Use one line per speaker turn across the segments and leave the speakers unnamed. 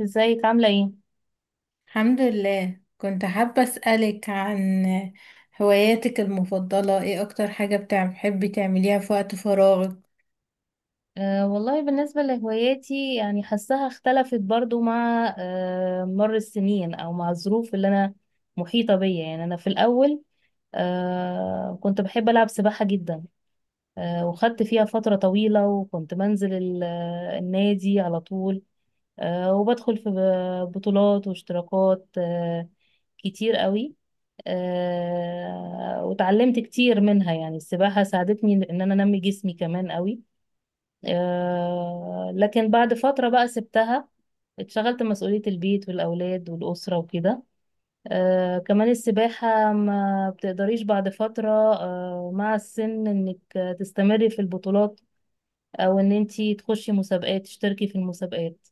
ازيك عاملة ايه؟
الحمد لله. كنت حابة أسألك عن هواياتك المفضلة، ايه أكتر حاجة بتحبي تعمليها في وقت فراغك؟
والله بالنسبة لهواياتي يعني حاساها اختلفت برضو مع مر السنين او مع الظروف اللي انا محيطة بيا يعني انا في الاول كنت بحب العب سباحة جدا. وخدت فيها فترة طويلة وكنت بنزل النادي على طول. وبدخل في بطولات واشتراكات كتير قوي. وتعلمت كتير منها، يعني السباحة ساعدتني ان انا انمي جسمي كمان قوي. لكن بعد فترة بقى سبتها، اتشغلت مسؤولية البيت والأولاد والأسرة وكده. كمان السباحة ما بتقدريش بعد فترة مع السن إنك تستمري في البطولات، أو إن أنتي تخشي مسابقات تشتركي في المسابقات.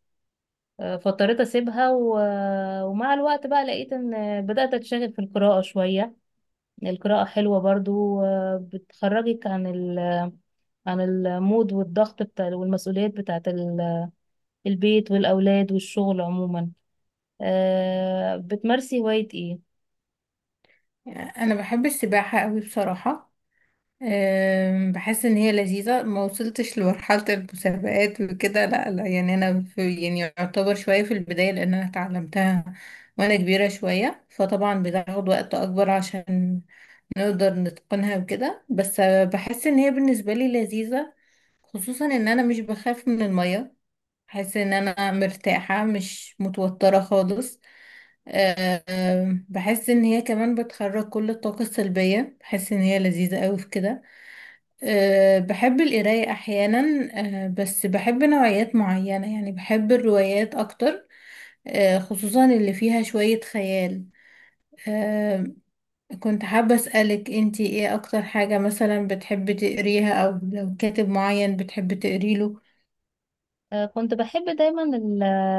فاضطريت أسيبها، و... ومع الوقت بقى لقيت إن بدأت أتشغل في القراءة شوية. القراءة حلوة برضو، بتخرجك عن ال... عن المود والضغط بتاع والمسؤوليات بتاعة البيت والأولاد والشغل عموما. بتمارسي هواية ايه؟
أنا بحب السباحة قوي بصراحة. بحس إن هي لذيذة، ما وصلتش لمرحلة المسابقات وكده، لا لا، يعني أنا في، يعني يعتبر شوية في البداية لأن أنا اتعلمتها وأنا كبيرة شوية، فطبعا بتاخد وقت أكبر عشان نقدر نتقنها وكده، بس بحس إن هي بالنسبة لي لذيذة، خصوصا ان انا مش بخاف من المية، بحس ان انا مرتاحة مش متوترة خالص. بحس ان هي كمان بتخرج كل الطاقة السلبية، بحس ان هي لذيذة قوي في كده. بحب القراية احيانا، بس بحب نوعيات معينة، يعني بحب الروايات اكتر، خصوصا اللي فيها شوية خيال. آه، كنت حابة أسألك انتي ايه اكتر حاجة مثلا بتحبي تقريها، او لو كاتب معين بتحبي تقريله؟
كنت بحب دايما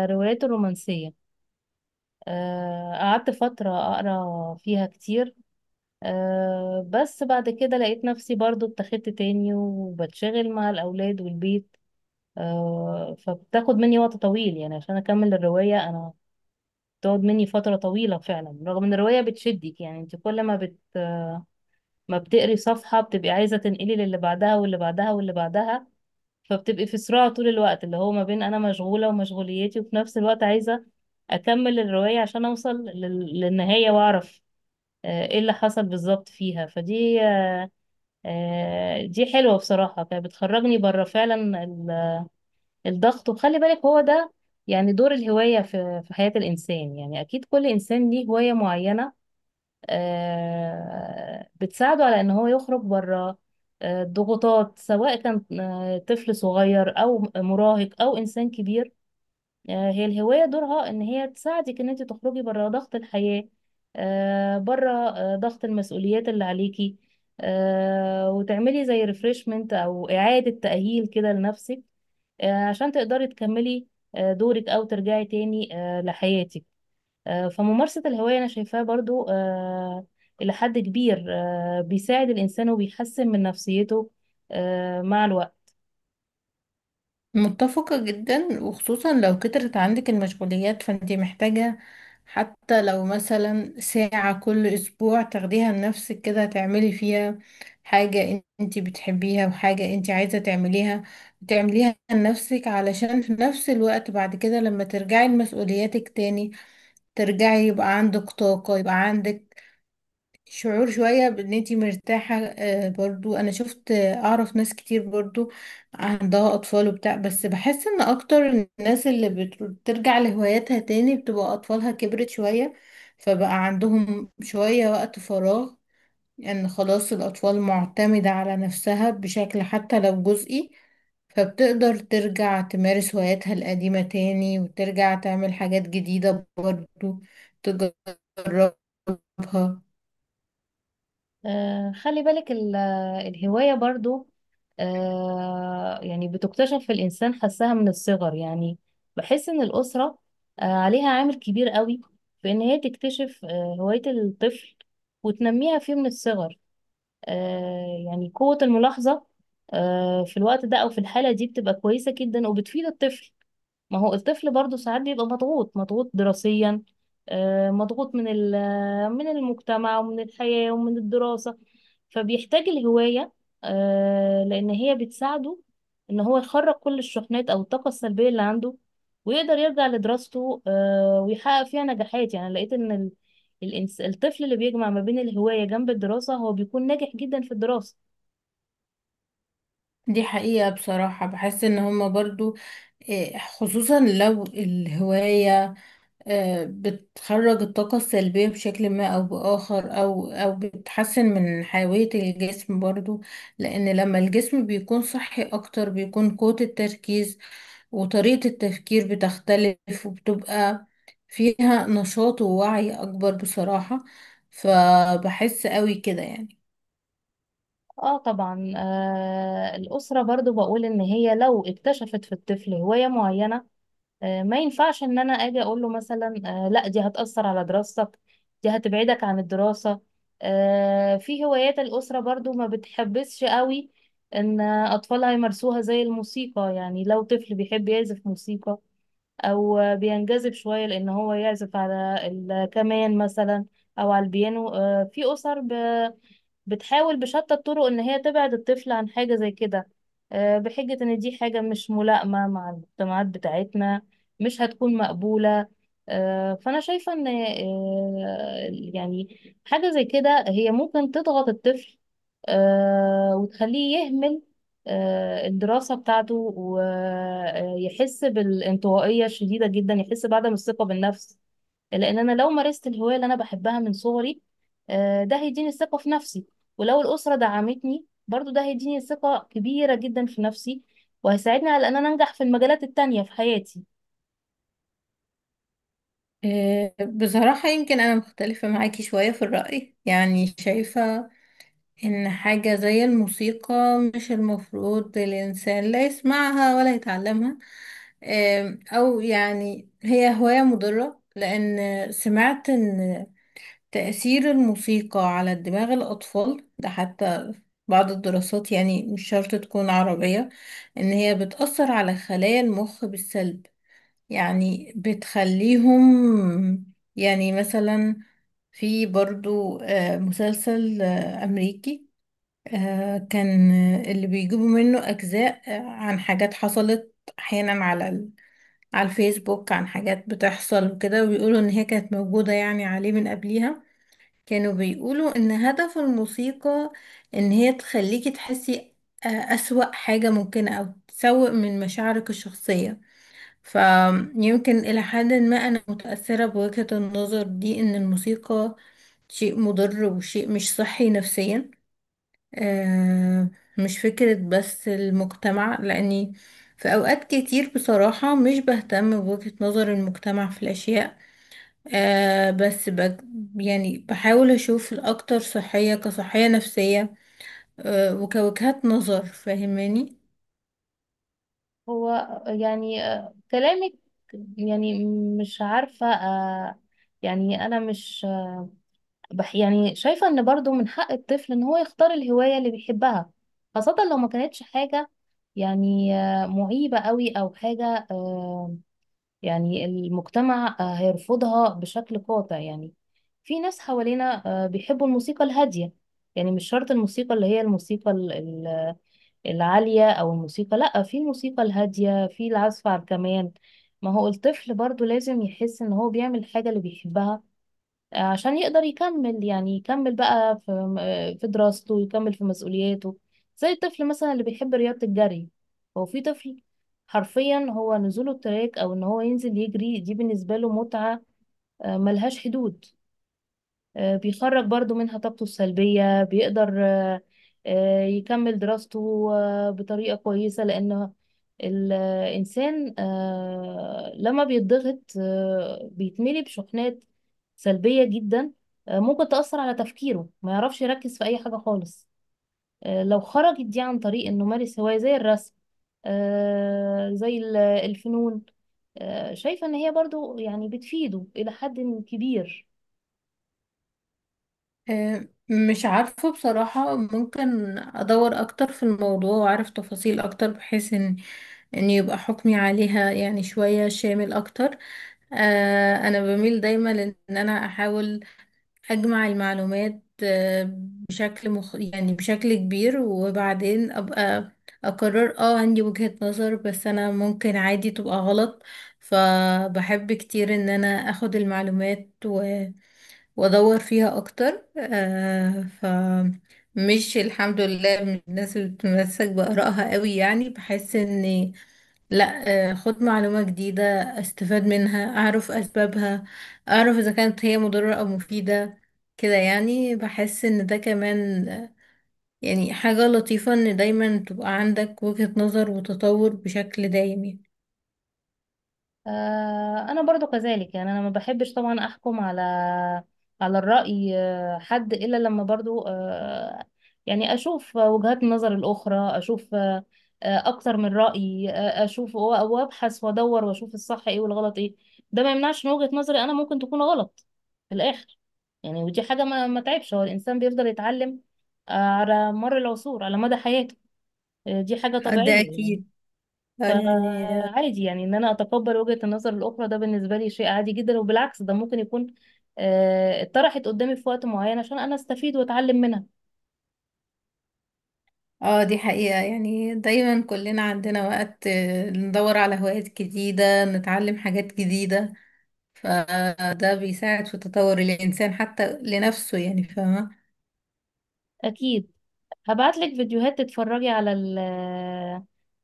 الروايات الرومانسية، قعدت فترة أقرأ فيها كتير. بس بعد كده لقيت نفسي برضو اتخذت تاني وبتشغل مع الأولاد والبيت. فبتاخد مني وقت طويل يعني عشان أكمل الرواية. أنا بتقعد مني فترة طويلة فعلا، رغم ان الرواية بتشدك يعني انت كل ما ما بتقري صفحة بتبقي عايزة تنقلي للي بعدها واللي بعدها واللي بعدها. فبتبقي في صراع طول الوقت، اللي هو ما بين انا مشغولة ومشغوليتي، وفي نفس الوقت عايزة اكمل الرواية عشان اوصل للنهاية واعرف ايه اللي حصل بالظبط فيها. فدي دي حلوة بصراحة، كانت بتخرجني بره فعلا الضغط. وخلي بالك هو ده يعني دور الهواية في حياة الإنسان، يعني أكيد كل إنسان ليه هواية معينة بتساعده على ان هو يخرج بره الضغوطات، سواء كان طفل صغير او مراهق او انسان كبير. هي الهواية دورها ان هي تساعدك ان انت تخرجي بره ضغط الحياة، بره ضغط المسؤوليات اللي عليكي، وتعملي زي ريفرشمنت او اعادة تأهيل كده لنفسك، عشان تقدري تكملي دورك، او ترجعي تاني لحياتك. فممارسة الهواية أنا شايفاها برضو إلى حد كبير بيساعد الإنسان وبيحسن من نفسيته مع الوقت.
متفقة جدا، وخصوصا لو كترت عندك المشغوليات فانتي محتاجة حتى لو مثلا ساعة كل أسبوع تاخديها لنفسك كده، تعملي فيها حاجة انتي بتحبيها وحاجة انتي عايزة تعمليها، تعمليها لنفسك علشان في نفس الوقت بعد كده لما ترجعي لمسؤولياتك تاني ترجعي يبقى عندك طاقة، يبقى عندك شعور شوية بان انتي مرتاحة. برضو انا شفت، اعرف ناس كتير برضو عندها اطفال وبتاع، بس بحس ان اكتر الناس اللي بترجع لهواياتها تاني بتبقى اطفالها كبرت شوية، فبقى عندهم شوية وقت فراغ، ان يعني خلاص الاطفال معتمدة على نفسها بشكل حتى لو جزئي، فبتقدر ترجع تمارس هواياتها القديمة تاني، وترجع تعمل حاجات جديدة برضو تجربها.
خلي بالك الهواية برضو يعني بتكتشف في الإنسان، حسها من الصغر يعني. بحس إن الأسرة عليها عامل كبير قوي في إن هي تكتشف هواية الطفل وتنميها فيه من الصغر. يعني قوة الملاحظة في الوقت ده أو في الحالة دي بتبقى كويسة جدا وبتفيد الطفل. ما هو الطفل برضه ساعات بيبقى مضغوط، مضغوط دراسيا مضغوط من المجتمع ومن الحياة ومن الدراسة، فبيحتاج الهواية لأن هي بتساعده إن هو يخرج كل الشحنات أو الطاقة السلبية اللي عنده، ويقدر يرجع لدراسته ويحقق فيها نجاحات. يعني لقيت إن الطفل اللي بيجمع ما بين الهواية جنب الدراسة هو بيكون ناجح جدا في الدراسة.
دي حقيقة بصراحة، بحس ان هما برضو إيه، خصوصا لو الهواية بتخرج الطاقة السلبية بشكل ما او بآخر، او بتحسن من حيوية الجسم برضو، لان لما الجسم بيكون صحي اكتر بيكون قوة التركيز وطريقة التفكير بتختلف، وبتبقى فيها نشاط ووعي اكبر بصراحة، فبحس قوي كده يعني.
اه طبعا، الأسرة برضو بقول إن هي لو اكتشفت في الطفل هواية معينة ما ينفعش إن أنا أجي أقول له مثلا لا دي هتأثر على دراستك، دي هتبعدك عن الدراسة. في هوايات الأسرة برضو ما بتحبسش قوي إن أطفالها يمارسوها، زي الموسيقى. يعني لو طفل بيحب يعزف موسيقى أو بينجذب شوية لأن هو يعزف على الكمان مثلا أو على البيانو، في أسر بتحاول بشتى الطرق ان هي تبعد الطفل عن حاجة زي كده بحجة ان دي حاجة مش ملائمة مع المجتمعات بتاعتنا، مش هتكون مقبولة. فانا شايفة ان يعني حاجة زي كده هي ممكن تضغط الطفل وتخليه يهمل الدراسة بتاعته، ويحس بالانطوائية الشديدة جدا، يحس بعدم الثقة بالنفس. لان انا لو مارست الهوايه اللي انا بحبها من صغري ده هيديني الثقه في نفسي، ولو الاسره دعمتني برضو ده هيديني ثقه كبيره جدا في نفسي، وهيساعدني على ان انا انجح في المجالات التانية في حياتي.
بصراحة يمكن أنا مختلفة معاكي شوية في الرأي، يعني شايفة إن حاجة زي الموسيقى مش المفروض الإنسان لا يسمعها ولا يتعلمها. أو يعني هي هواية مضرة، لأن سمعت إن تأثير الموسيقى على دماغ الأطفال ده، حتى بعض الدراسات يعني مش شرط تكون عربية، إن هي بتأثر على خلايا المخ بالسلب، يعني بتخليهم، يعني مثلا في برضو مسلسل أمريكي، كان اللي بيجيبوا منه أجزاء عن حاجات حصلت أحيانا على الفيسبوك، عن حاجات بتحصل وكده، وبيقولوا إن هي كانت موجودة يعني عليه من قبليها. كانوا بيقولوا إن هدف الموسيقى إن هي تخليكي تحسي أسوأ حاجة ممكنة، أو تسوء من مشاعرك الشخصية. فيمكن إلى حد ما أنا متأثرة بوجهة النظر دي، إن الموسيقى شيء مضر وشيء مش صحي نفسيا. آه مش فكرة بس المجتمع، لأني في أوقات كتير بصراحة مش بهتم بوجهة نظر المجتمع في الأشياء، آه بس بج يعني بحاول أشوف الأكتر صحية كصحية نفسية وكوجهات نظر فاهماني.
هو يعني كلامك يعني، مش عارفه يعني انا مش آه، بح يعني شايفه ان برضو من حق الطفل ان هو يختار الهوايه اللي بيحبها، خاصه لو ما كانتش حاجه يعني معيبه قوي، او حاجه يعني المجتمع هيرفضها بشكل قاطع. يعني في ناس حوالينا بيحبوا الموسيقى الهادية. يعني مش شرط الموسيقى اللي هي العالية، أو الموسيقى لأ، في الموسيقى الهادية، في العزف على الكمان. ما هو الطفل برضو لازم يحس إن هو بيعمل حاجة اللي بيحبها عشان يقدر يكمل، يعني يكمل بقى في دراسته ويكمل في مسؤولياته. زي الطفل مثلا اللي بيحب رياضة الجري، هو في طفل حرفيا هو نزوله التراك او ان هو ينزل يجري دي بالنسبة له متعة ملهاش حدود. بيخرج برضو منها طاقته السلبية، بيقدر يكمل دراسته بطريقة كويسة، لأن الإنسان لما بيتضغط بيتملي بشحنات سلبية جدا ممكن تأثر على تفكيره، ما يعرفش يركز في أي حاجة خالص. لو خرجت دي عن طريق إنه مارس هواية زي الرسم زي الفنون، شايفة إن هي برضو يعني بتفيده إلى حد كبير.
مش عارفة بصراحة، ممكن أدور أكتر في الموضوع وأعرف تفاصيل أكتر بحيث إن يبقى حكمي عليها يعني شوية شامل أكتر. أنا بميل دايما لإن أنا أحاول أجمع المعلومات، يعني بشكل كبير، وبعدين أبقى أقرر، اه عندي وجهة نظر، بس أنا ممكن عادي تبقى غلط. فبحب كتير إن أنا أخد المعلومات وادور فيها اكتر. فمش الحمد لله من الناس اللي بتتمسك بآرائها قوي، يعني بحس ان لا، خد معلومة جديدة استفاد منها، اعرف اسبابها، اعرف اذا كانت هي مضرة او مفيدة كده، يعني بحس ان ده كمان يعني حاجة لطيفة ان دايما تبقى عندك وجهة نظر وتطور بشكل دايم يعني.
انا برضو كذلك، يعني انا ما بحبش طبعا احكم على الرأي حد الا لما برضو يعني اشوف وجهات النظر الاخرى، اشوف اكتر من رأي، اشوف وابحث وادور واشوف الصح ايه والغلط ايه. ده ما يمنعش ان وجهة نظري انا ممكن تكون غلط في الاخر، يعني ودي حاجة ما تعبش. هو الانسان بيفضل يتعلم على مر العصور، على مدى حياته، دي حاجة
ده
طبيعية.
اكيد. آه، يعني
فعادي يعني ان انا اتقبل وجهة النظر الاخرى، ده بالنسبة لي شيء عادي جدا، وبالعكس ده ممكن يكون اتطرحت قدامي في وقت معين عشان انا استفيد واتعلم منها.
اه دي حقيقة، يعني دايما كلنا عندنا وقت ندور على هوايات جديدة، نتعلم حاجات جديدة، فده بيساعد في تطور الإنسان حتى لنفسه يعني، فاهمة.
اكيد هبعت لك فيديوهات تتفرجي على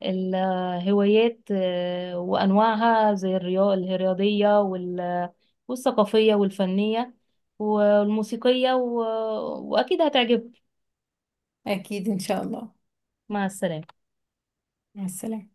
الهوايات وانواعها، زي الرياضة الرياضية والثقافية والفنية والموسيقية، و... واكيد هتعجبك.
أكيد إن شاء الله.
مع السلامة.
مع السلامة.